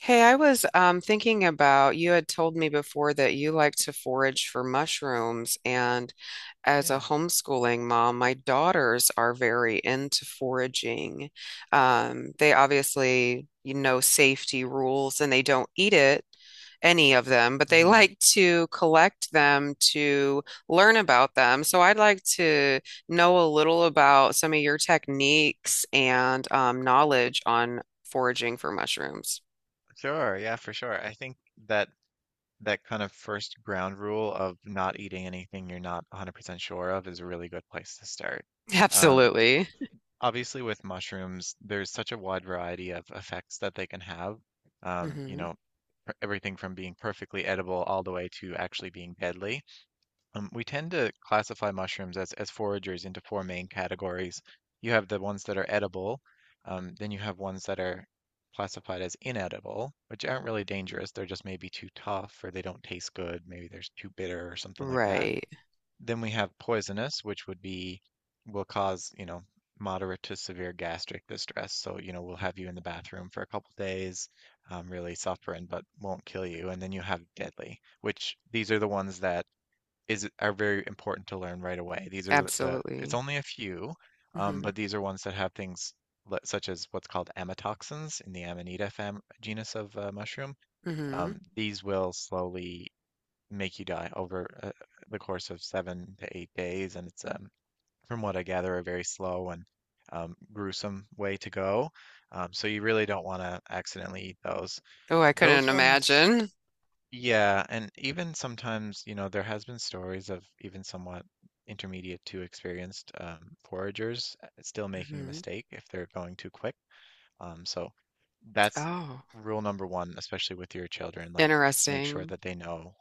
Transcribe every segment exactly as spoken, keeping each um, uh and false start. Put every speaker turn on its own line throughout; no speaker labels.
Hey, I was um, thinking about you had told me before that you like to forage for mushrooms, and as a
Yeah.
homeschooling mom, my daughters are very into foraging. Um, they obviously, you know, safety rules, and they don't eat it, any of them, but they
hmm
like to collect them to learn about them. So I'd like to know a little about some of your techniques and um, knowledge on foraging for mushrooms.
Sure. Yeah, for sure. I think that that kind of first ground rule of not eating anything you're not one hundred percent sure of is a really good place to start. Um,
Absolutely.
Obviously, with mushrooms, there's such a wide variety of effects that they can have. Um, you
Hmm.
know, per- Everything from being perfectly edible all the way to actually being deadly. Um, we tend to classify mushrooms as, as foragers into four main categories. You have the ones that are edible, um, then you have ones that are classified as inedible, which aren't really dangerous. They're just maybe too tough or they don't taste good. Maybe they're too bitter or something like that.
Right.
Then we have poisonous, which would be, will cause, you know, moderate to severe gastric distress. So, you know, we'll have you in the bathroom for a couple days, um, really suffering, but won't kill you. And then you have deadly, which these are the ones that is are very important to learn right away. These are the, the it's
Absolutely.
only a few, um, but
Hmm.
these are ones that have things li- such as what's called amatoxins in the Amanita fam genus of uh, mushroom.
Hmm.
Um, these will slowly make you die over uh, the course of seven to eight days, and it's um, from what I gather a very slow and um, gruesome way to go. Um, so you really don't want to accidentally eat those.
Oh, I couldn't
Those ones
imagine.
Yeah, and even sometimes, you know, there has been stories of even somewhat intermediate to experienced um, foragers uh, still making a
Hmm.
mistake if they're going too quick. Um, so that's
Oh,
rule number one, especially with your children. Like, make sure
interesting.
that they know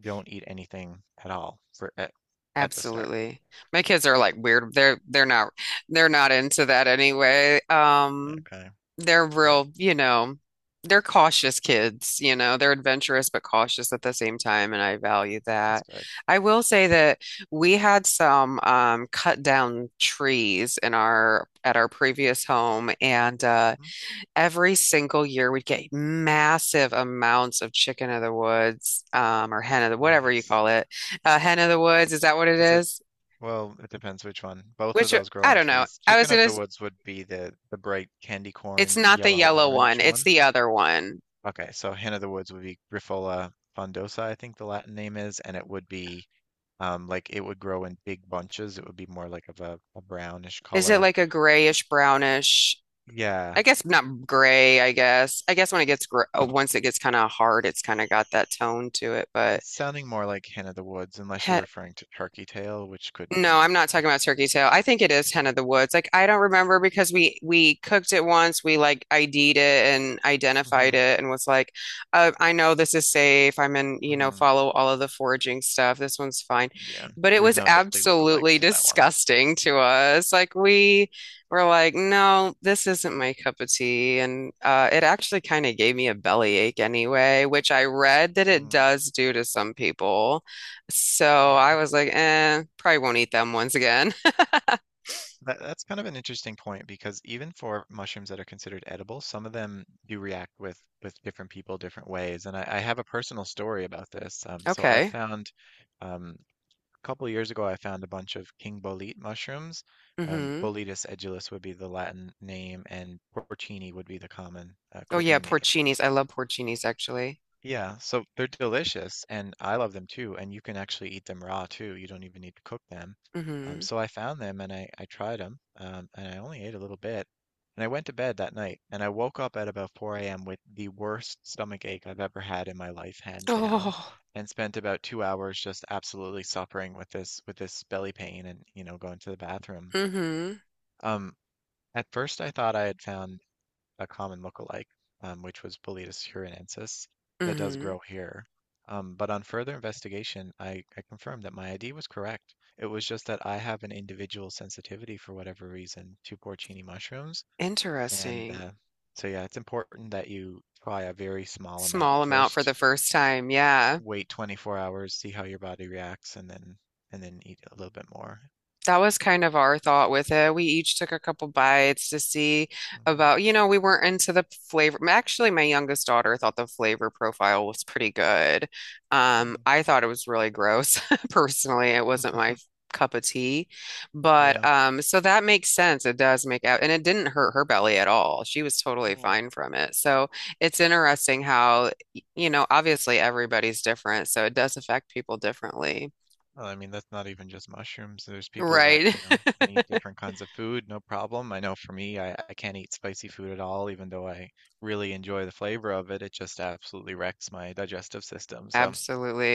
don't eat anything at all for at, at the start.
Absolutely. My kids are like weird. They're they're not they're not into that anyway. Um,
Okay,
they're
good.
real, you know, they're cautious kids, you know. They're adventurous but cautious at the same time, and I value
That's
that.
good.
I will say that we had some um cut down trees in our at our previous home, and uh
Mm.
every single year we'd get massive amounts of chicken of the woods, um, or hen of the whatever you
Nice.
call it. Uh, hen of the woods, is that what it
Is it?
is?
Well, it depends which one. Both of
Which
those grow
I
on
don't know.
trees.
I was
Chicken
gonna,
of the
s-
woods would be the the bright candy
it's
corn
not the
yellow
yellow one,
orange
it's
one.
the other one.
Okay, so hen of the woods would be Grifola frondosa, I think the Latin name is, and it would be um like it would grow in big bunches. It would be more like of a, a brownish
Is it
color.
like a grayish brownish?
Yeah,
I guess not gray, I guess. I guess when it gets gr uh, once it gets kind of hard, it's kind of got that tone to it, but
it's sounding more like hen of the woods, unless you're referring to turkey tail, which could
no,
be.
I'm not
Yeah,
talking about turkey tail. I think it is hen
okay.
of the woods. Like I don't remember because we we cooked it once. We like ID'd it and
Mm-hmm.
identified it and was like, uh, I know this is safe. I'm in, you know,
Mm-hmm.
follow all of the foraging stuff. This one's fine.
Yeah,
But it
there's
was
no deadly lookalikes
absolutely
to that one.
disgusting to us. Like we were like, no, this isn't my cup of tea. And uh, it actually kind of gave me a bellyache anyway, which I read that it
Mm,
does do to some people. So I
yeah.
was like, eh, probably won't eat them once again.
That, that's kind of an interesting point because even for mushrooms that are considered edible, some of them do react with with different people different ways. And I, I have a personal story about this. Um, so I
Okay.
found um, a couple years ago, I found a bunch of king bolete mushrooms. Um,
Hmm.
Boletus edulis would be the Latin name, and porcini would be the common uh,
Oh yeah,
cooking name.
porcinis. I love porcinis actually.
Yeah, so they're delicious and I love them too. And you can actually eat them raw too. You don't even need to cook them. Um,
Hmm.
so I found them and I, I tried them um, and I only ate a little bit. And I went to bed that night and I woke up at about four a m with the worst stomach ache I've ever had in my life, hands down,
Oh.
and spent about two hours just absolutely suffering with this with this belly pain and you know going to the bathroom.
Hmm.
Um, at first I thought I had found a common lookalike, um, which was Boletus hurinensis, that does
Hmm.
grow here. Um, but on further investigation, I, I confirmed that my I D was correct. It was just that I have an individual sensitivity for whatever reason to porcini mushrooms, and
Interesting.
uh, so yeah, it's important that you try a very small amount
Small amount for
first.
the first time. Yeah.
Wait twenty-four hours, see how your body reacts, and then and then eat a little bit more.
That was kind of our thought with it. We each took a couple bites to see about,
Hmm.
you know, we weren't into the flavor. Actually, my youngest daughter thought the flavor profile was pretty good. Um, I thought it was really gross. Personally, it wasn't my
Hmm.
cup of tea. But
yeah.
um, so that makes sense. It does make out, and it didn't hurt her belly at all. She was totally
Hmm.
fine from it. So it's interesting how, y- you know, obviously everybody's different, so it does affect people differently.
Well, I mean, that's not even just mushrooms. There's people that,
Right.
you know, can eat different kinds of food, no problem. I know for me, I, I can't eat spicy food at all, even though I really enjoy the flavor of it. It just absolutely wrecks my digestive system. So,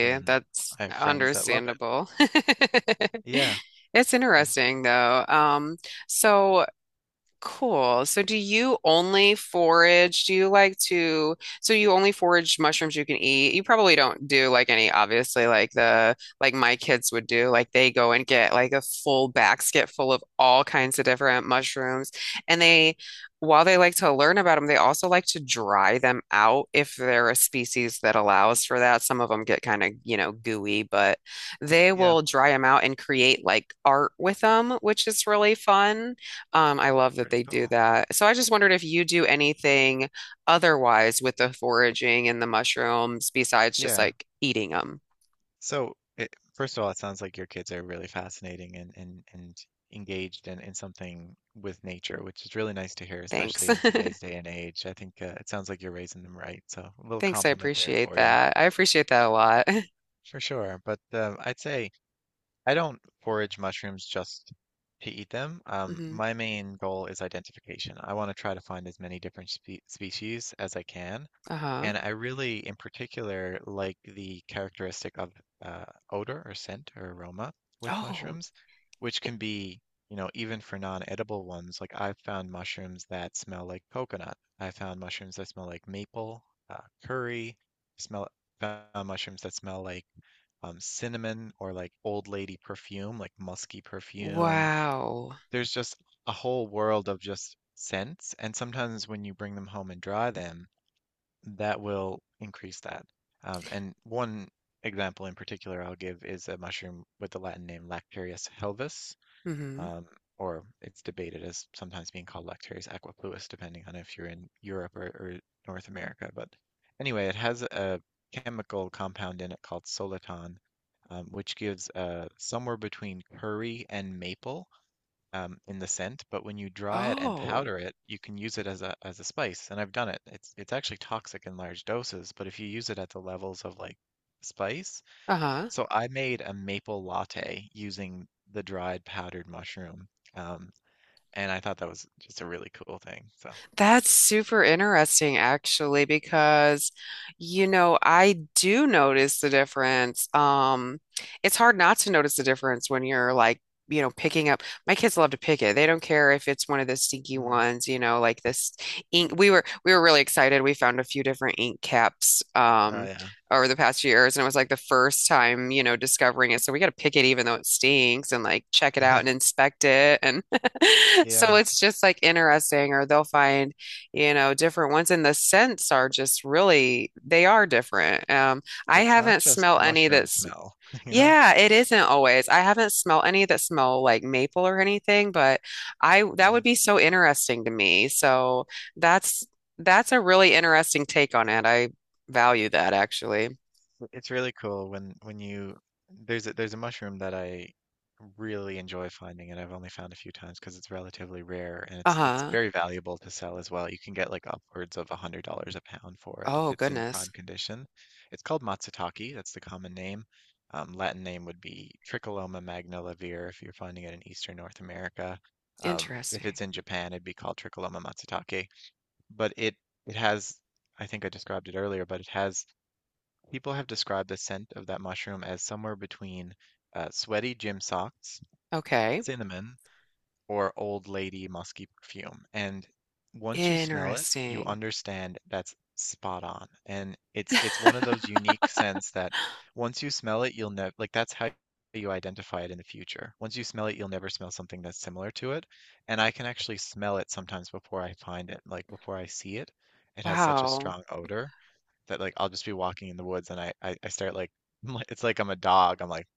and then
That's
I have friends that love it.
understandable.
Yeah.
It's
Um,
interesting though. Um, so Cool. So do you only forage? Do you like to, so you only forage mushrooms you can eat? You probably don't do like any, obviously, like the, like my kids would do. Like they go and get like a full basket full of all kinds of different mushrooms. And they, while they like to learn about them, they also like to dry them out if they're a species that allows for that. Some of them get kind of, you know, gooey, but they
yeah.
will dry them out and create like art with them, which is really fun. Um, I love that
Pretty
they do
cool.
that. So I just wondered if you do anything otherwise with the foraging and the mushrooms besides just
Yeah.
like eating them.
So, it, first of all, it sounds like your kids are really fascinating and and and engaged in in something with nature, which is really nice to hear,
Thanks.
especially in today's day and age. I think uh, it sounds like you're raising them right, so a little
Thanks. I
compliment there
appreciate
for you,
that. I appreciate that a lot.
for sure. But um, I'd say I don't forage mushrooms just to eat them. Um,
Hmm.
my main goal is identification. I want to try to find as many different spe species as I can.
Uh-huh.
And I really, in particular, like the characteristic of uh, odor or scent or aroma with
Oh,
mushrooms, which can be, you know, even for non-edible ones. Like I've found mushrooms that smell like coconut. I found mushrooms that smell like maple, uh, curry. Smell Found mushrooms that smell like um, cinnamon or like old lady perfume, like musky perfume.
wow.
There's just a whole world of just scents. And sometimes when you bring them home and dry them, that will increase that. Um, and one example in particular I'll give is a mushroom with the Latin name Lactarius helvis,
Hmm.
um, or it's debated as sometimes being called Lactarius aquapluis, depending on if you're in Europe or, or North America. But anyway, it has a chemical compound in it called soliton, um, which gives uh, somewhere between curry and maple um, in the scent, but when you dry it and
Oh,
powder it, you can use it as a as a spice. And I've done it. It's it's actually toxic in large doses, but if you use it at the levels of like spice,
uh-huh.
so I made a maple latte using the dried powdered mushroom, um, and I thought that was just a really cool thing. So,
That's super interesting, actually, because, you know, I do notice the difference. Um, it's hard not to notice the difference when you're like, you know, picking up. My kids love to pick it. They don't care if it's one of the stinky
mm,
ones, you know, like this ink. We were we were really excited. We found a few different ink caps
oh
um
yeah,
over the past few years, and it was like the first time, you know, discovering it. So we got to pick it even though it stinks and like check it out
yeah,
and inspect it. So
yeah.
it's just like interesting, or they'll find, you know, different ones. And the scents are just really, they are different. Um, I
It's not
haven't
just
smelled any
mushroom
that's,
smell, you know?
yeah, it isn't always. I haven't smelled any that smell like maple or anything, but I, that
Yeah.
would be so interesting to me. So that's, that's a really interesting take on it. I value that actually.
It's really cool when when you there's a, there's a mushroom that I really enjoy finding, and I've only found a few times because it's relatively rare, and it's it's
Uh-huh.
very valuable to sell as well. You can get like upwards of a hundred dollars a pound for it if
Oh,
it's in prime
goodness.
condition. It's called matsutake. That's the common name. Um, Latin name would be Tricholoma magnivelare if you're finding it in Eastern North America. Um, if
Interesting.
it's in Japan, it'd be called Tricholoma matsutake. But it it has, I think I described it earlier, but it has people have described the scent of that mushroom as somewhere between uh, sweaty gym socks,
Okay.
cinnamon, or old lady musky perfume. And once you smell it, you
Interesting.
understand that's spot on. And it's it's one of those unique scents that once you smell it, you'll know like that's how you identify it in the future. Once you smell it, you'll never smell something that's similar to it. And I can actually smell it sometimes before I find it, like before I see it. It has such a
Wow.
strong odor that like I'll just be walking in the woods and I, I, I start like it's like I'm a dog. I'm like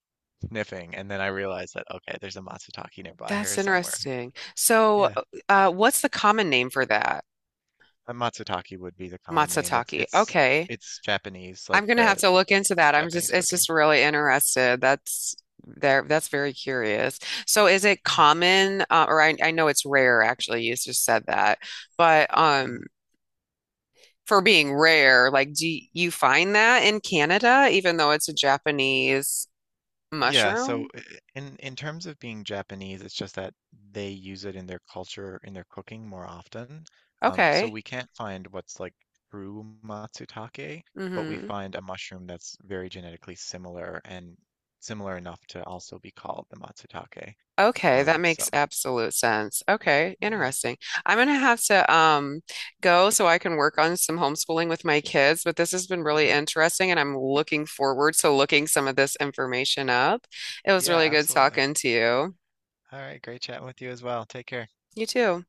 sniffing, and then I realize that okay, there's a matsutake nearby here
That's
somewhere.
interesting. So,
Yeah,
uh, what's the common name for that?
a matsutake would be the common name. It's
Matsutake.
it's
Okay.
it's Japanese, like
I'm gonna have
the
to look into
in
that. I'm just,
Japanese
it's
cooking.
just really interested. That's there. That's very curious. So, is it
Yeah.
common, uh, or I, I know it's rare actually. You just said that, but um,
Mm.
for being rare, like, do you find that in Canada, even though it's a Japanese
Yeah, so
mushroom?
i- i- in in terms of being Japanese, it's just that they use it in their culture, in their cooking more often. Um, so
Okay.
we can't find what's like true matsutake, but we
Mm-hmm.
find a mushroom that's very genetically similar and similar enough to also be called the matsutake.
Okay, that
Um,
makes
so
absolute sense. Okay,
yeah,
interesting. I'm gonna have to um go so I can work on some homeschooling with my kids, but this has been
for
really
sure.
interesting and I'm looking forward to looking some of this information up. It was
Yeah,
really good
absolutely.
talking to you.
All right, great chatting with you as well. Take care.
You too.